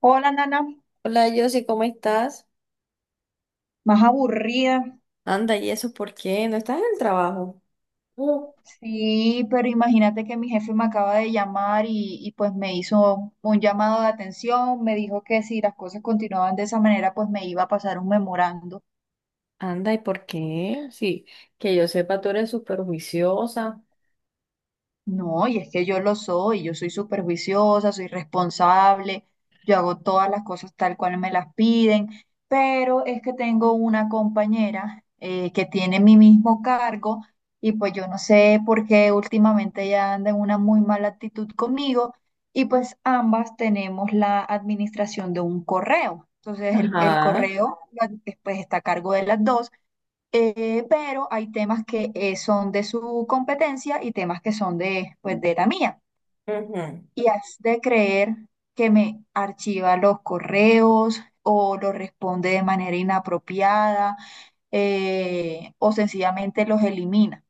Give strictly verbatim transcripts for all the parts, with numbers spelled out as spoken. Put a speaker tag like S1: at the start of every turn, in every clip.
S1: Hola, Nana.
S2: Hola, Josie, ¿cómo estás?
S1: Más aburrida.
S2: Anda, ¿y eso por qué? ¿No estás en el trabajo? No.
S1: Sí, pero imagínate que mi jefe me acaba de llamar y, y, pues me hizo un llamado de atención, me dijo que si las cosas continuaban de esa manera, pues me iba a pasar un memorando.
S2: Anda, ¿y por qué? Sí, que yo sepa, tú eres súper juiciosa.
S1: No, y es que yo lo soy, yo soy súper juiciosa, soy responsable, yo hago todas las cosas tal cual me las piden, pero es que tengo una compañera eh, que tiene mi mismo cargo y pues yo no sé por qué últimamente ella anda en una muy mala actitud conmigo y pues ambas tenemos la administración de un correo. Entonces el, el
S2: Ajá.
S1: correo la- pues está a cargo de las dos. Eh, pero hay temas que eh, son de su competencia y temas que son de, pues, de la mía.
S2: Ujú.
S1: Y has de creer que me archiva los correos o los responde de manera inapropiada eh, o sencillamente los elimina.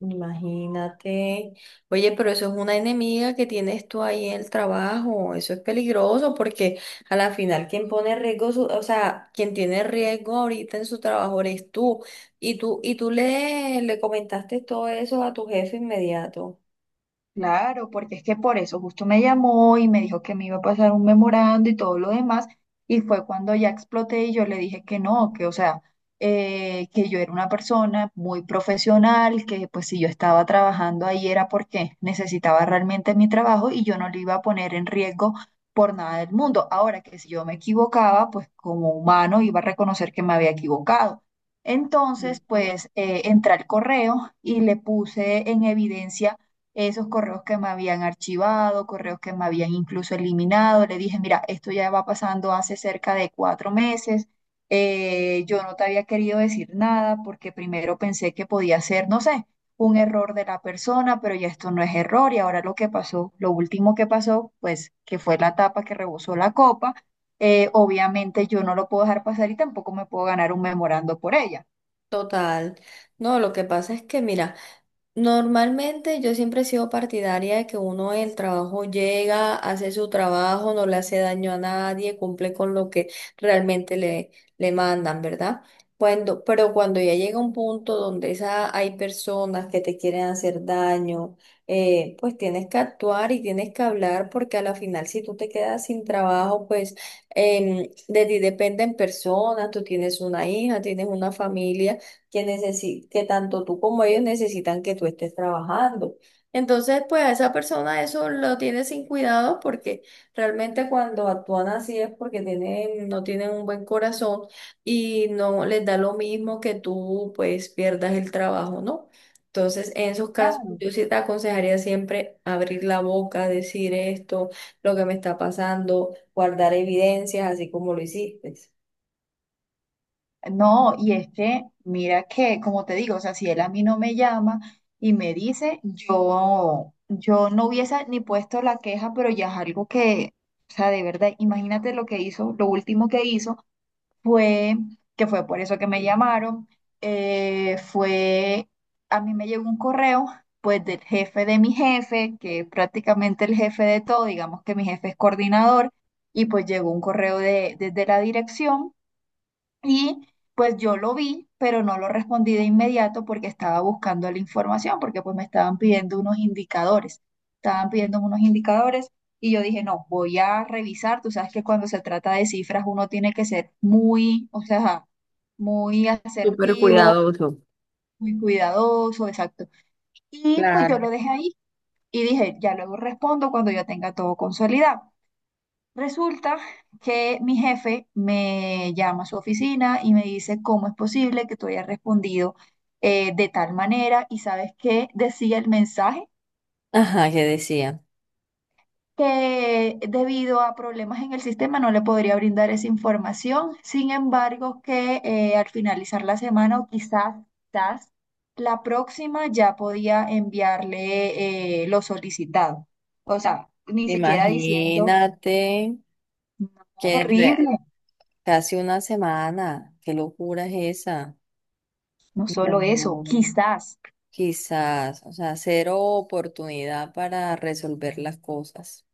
S2: Imagínate. Oye, pero eso es una enemiga que tienes tú ahí en el trabajo. Eso es peligroso porque a la final quien pone riesgo, su- o sea, quien tiene riesgo ahorita en su trabajo eres tú. Y tú, y tú le, le comentaste todo eso a tu jefe inmediato.
S1: Claro, porque es que por eso justo me llamó y me dijo que me iba a pasar un memorando y todo lo demás, y fue cuando ya exploté y yo le dije que no, que o sea, eh, que yo era una persona muy profesional, que pues si yo estaba trabajando ahí era porque necesitaba realmente mi trabajo y yo no lo iba a poner en riesgo por nada del mundo. Ahora que si yo me equivocaba, pues como humano iba a reconocer que me había equivocado. Entonces, pues eh, entré al correo y le puse en evidencia esos correos que me habían archivado, correos que me habían incluso eliminado. Le dije, mira, esto ya va pasando hace cerca de cuatro meses. eh, yo no te había querido decir nada porque primero pensé que podía ser, no sé, un error de la persona, pero ya esto no es error. Y ahora lo que pasó, lo último que pasó, pues que fue la tapa que rebosó la copa. Eh, obviamente yo no lo puedo dejar pasar y tampoco me puedo ganar un memorando por ella.
S2: Total. No, lo que pasa es que, mira, normalmente yo siempre he sido partidaria de que uno en el trabajo llega, hace su trabajo, no le hace daño a nadie, cumple con lo que realmente le, le mandan, ¿verdad? Cuando, pero cuando ya llega un punto donde esa, hay personas que te quieren hacer daño, eh, pues tienes que actuar y tienes que hablar porque a la final si tú te quedas sin trabajo, pues em, de ti dependen personas, tú tienes una hija, tienes una familia que, necesi- que tanto tú como ellos necesitan que tú estés trabajando. Entonces, pues a esa persona eso lo tiene sin cuidado porque realmente cuando actúan así es porque tienen, no tienen un buen corazón y no les da lo mismo que tú pues pierdas el trabajo, ¿no? Entonces, en esos casos, yo sí te aconsejaría siempre abrir la boca, decir esto, lo que me está pasando, guardar evidencias, así como lo hiciste.
S1: No, y es que, mira que, como te digo, o sea, si él a mí no me llama y me dice, yo, yo no hubiese ni puesto la queja, pero ya es algo que, o sea, de verdad, imagínate lo que hizo, lo último que hizo fue, que fue por eso que me llamaron, eh, fue, a mí me llegó un correo, pues, del jefe de mi jefe, que es prácticamente el jefe de todo, digamos que mi jefe es coordinador, y pues llegó un correo de, desde la dirección y pues yo lo vi, pero no lo respondí de inmediato porque estaba buscando la información, porque pues me estaban pidiendo unos indicadores, estaban pidiendo unos indicadores y yo dije, no, voy a revisar, tú sabes que cuando se trata de cifras uno tiene que ser muy, o sea, muy
S2: Súper
S1: asertivo,
S2: cuidadoso.
S1: muy cuidadoso, exacto. Y pues
S2: Claro.
S1: yo lo dejé ahí y dije, ya luego respondo cuando yo tenga todo consolidado. Resulta que mi jefe me llama a su oficina y me dice, ¿cómo es posible que tú hayas respondido eh, de tal manera? Y sabes qué decía el mensaje,
S2: Ajá, ¿que decía?
S1: que debido a problemas en el sistema no le podría brindar esa información. Sin embargo, que eh, al finalizar la semana o quizás, quizás la próxima ya podía enviarle eh, lo solicitado. O sea, ni siquiera diciendo,
S2: Imagínate
S1: no,
S2: que re-
S1: horrible,
S2: casi una semana, qué locura es esa.
S1: no solo eso,
S2: No,
S1: quizás.
S2: quizás, o sea, cero oportunidad para resolver las cosas.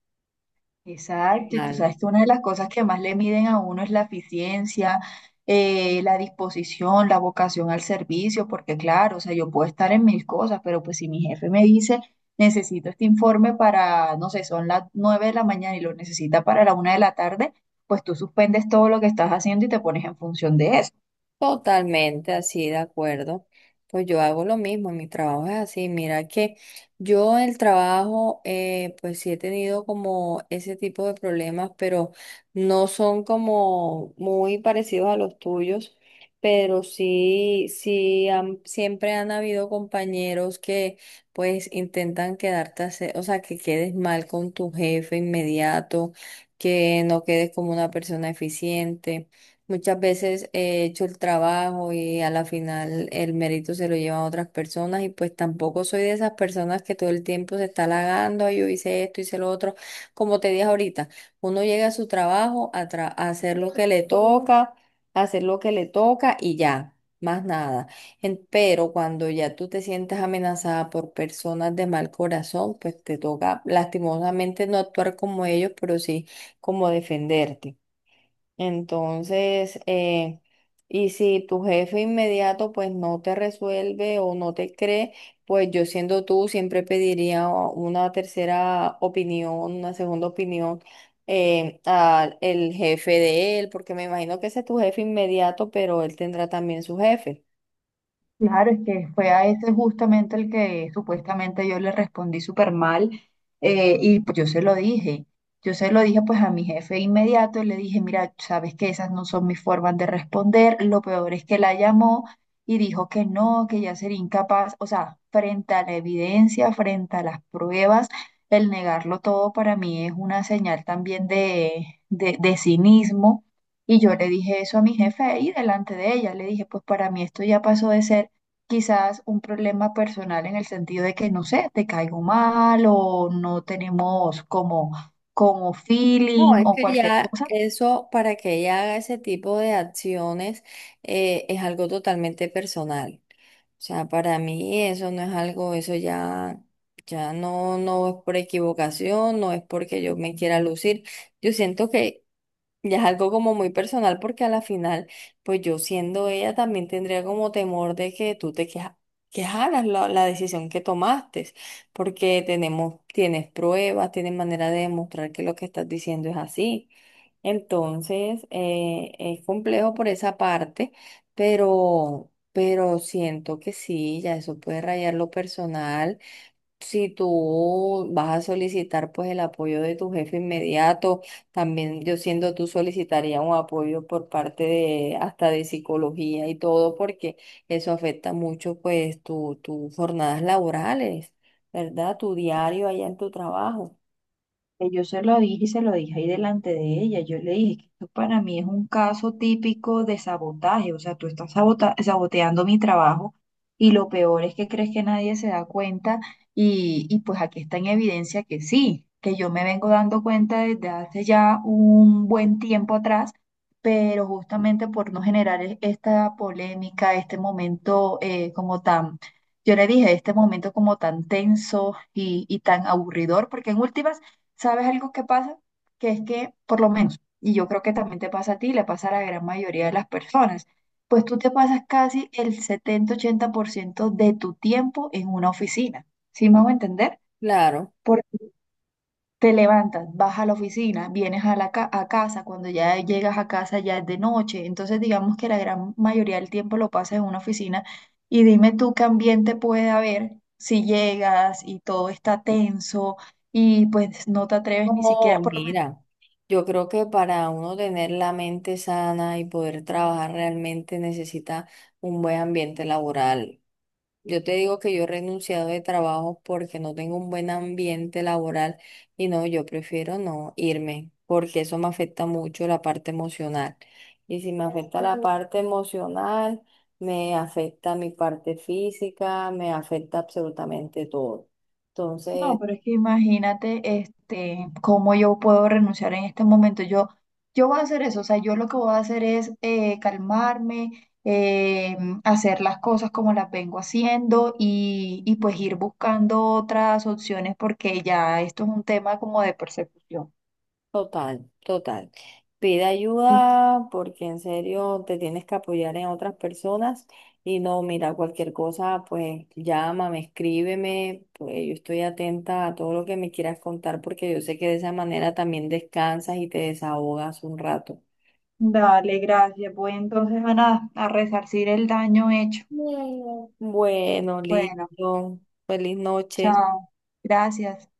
S2: Qué
S1: Exacto, y tú
S2: mal.
S1: sabes que una de las cosas que más le miden a uno es la eficiencia, eh, la disposición, la vocación al servicio, porque claro, o sea, yo puedo estar en mil cosas, pero pues si mi jefe me dice, necesito este informe para, no sé, son las nueve de la mañana y lo necesita para la una de la tarde, pues tú suspendes todo lo que estás haciendo y te pones en función de eso.
S2: Totalmente así, de acuerdo. Pues yo hago lo mismo, mi trabajo es así. Mira que yo el trabajo, eh, pues sí he tenido como ese tipo de problemas, pero no son como muy parecidos a los tuyos, pero sí, sí, han- siempre han habido compañeros que pues intentan quedarte, hace- o sea, que quedes mal con tu jefe inmediato, que no quedes como una persona eficiente. Muchas veces he hecho el trabajo y a la final el mérito se lo llevan otras personas y pues tampoco soy de esas personas que todo el tiempo se está halagando, "Ay, yo hice esto, hice lo otro". Como te dije ahorita, uno llega a su trabajo a, tra- a hacer lo que le toca, a hacer lo que le toca y ya, más nada. En- pero cuando ya tú te sientes amenazada por personas de mal corazón, pues te toca lastimosamente no actuar como ellos, pero sí como defenderte. Entonces, eh, y si tu jefe inmediato pues no te resuelve o no te cree, pues yo siendo tú siempre pediría una tercera opinión, una segunda opinión eh, al el jefe de él, porque me imagino que ese es tu jefe inmediato, pero él tendrá también su jefe.
S1: Claro, es que fue a ese justamente el que supuestamente yo le respondí súper mal eh, y pues yo se lo dije. Yo se lo dije pues a mi jefe inmediato le dije, mira, sabes que esas no son mis formas de responder. Lo peor es que la llamó y dijo que no, que ya sería incapaz. O sea, frente a la evidencia, frente a las pruebas, el negarlo todo para mí es una señal también de, de, de cinismo. Y yo le dije eso a mi jefe ahí delante de ella. Le dije, pues para mí esto ya pasó de ser quizás un problema personal en el sentido de que, no sé, te caigo mal o no tenemos como, como
S2: No,
S1: feeling
S2: es
S1: o
S2: que
S1: cualquier
S2: ya
S1: cosa.
S2: eso, para que ella haga ese tipo de acciones, eh, es algo totalmente personal. O sea, para mí eso no es algo, eso ya, ya no, no es por equivocación, no es porque yo me quiera lucir. Yo siento que ya es algo como muy personal porque a la final, pues yo siendo ella también tendría como temor de que tú te queja- quejaras la, la decisión que tomaste, porque tenemos, tienes pruebas, tienes manera de demostrar que lo que estás diciendo es así. Entonces, eh, es complejo por esa parte, pero, pero siento que sí, ya eso puede rayar lo personal. Si tú vas a solicitar pues el apoyo de tu jefe inmediato, también yo siendo tú solicitaría un apoyo por parte de hasta de psicología y todo, porque eso afecta mucho pues tu, tus jornadas laborales, ¿verdad? Tu diario allá en tu trabajo.
S1: Que yo se lo dije y se lo dije ahí delante de ella. Yo le dije que esto para mí es un caso típico de sabotaje. O sea, tú estás sabota- saboteando mi trabajo y lo peor es que crees que nadie se da cuenta y, y pues aquí está en evidencia que sí, que yo me vengo dando cuenta desde hace ya un buen tiempo atrás, pero justamente por no generar e- esta polémica, este momento eh, como tan. Yo le dije, este momento como tan tenso y, y tan aburridor, porque en últimas, ¿sabes algo que pasa? Que es que, por lo menos, y yo creo que también te pasa a ti, le pasa a la gran mayoría de las personas, pues tú te pasas casi el setenta ochenta por ciento de tu tiempo en una oficina. ¿Sí me hago entender?
S2: Claro.
S1: Porque te levantas, vas a la oficina, vienes a la ca- a casa, cuando ya llegas a casa ya es de noche. Entonces, digamos que la gran mayoría del tiempo lo pasas en una oficina y dime tú qué ambiente puede haber si llegas y todo está tenso y pues no te atreves ni siquiera,
S2: No,
S1: por lo.
S2: mira, yo creo que para uno tener la mente sana y poder trabajar realmente necesita un buen ambiente laboral. Yo te digo que yo he renunciado de trabajo porque no tengo un buen ambiente laboral y no, yo prefiero no irme porque eso me afecta mucho la parte emocional. Y si me afecta la parte emocional, me afecta mi parte física, me afecta absolutamente todo.
S1: No,
S2: Entonces,
S1: pero es que imagínate, este, cómo yo puedo renunciar en este momento. Yo, yo voy a hacer eso, o sea, yo lo que voy a hacer es eh, calmarme, eh, hacer las cosas como las vengo haciendo y, y pues ir buscando otras opciones porque ya esto es un tema como de persecución.
S2: total, total. Pide ayuda porque en serio te tienes que apoyar en otras personas y no, mira, cualquier cosa, pues llámame, escríbeme, pues yo estoy atenta a todo lo que me quieras contar porque yo sé que de esa manera también descansas y te desahogas un rato.
S1: Dale, gracias. Voy entonces a nada, a resarcir el daño hecho.
S2: Bueno. Bueno,
S1: Bueno,
S2: listo. Feliz noche.
S1: chao. Gracias.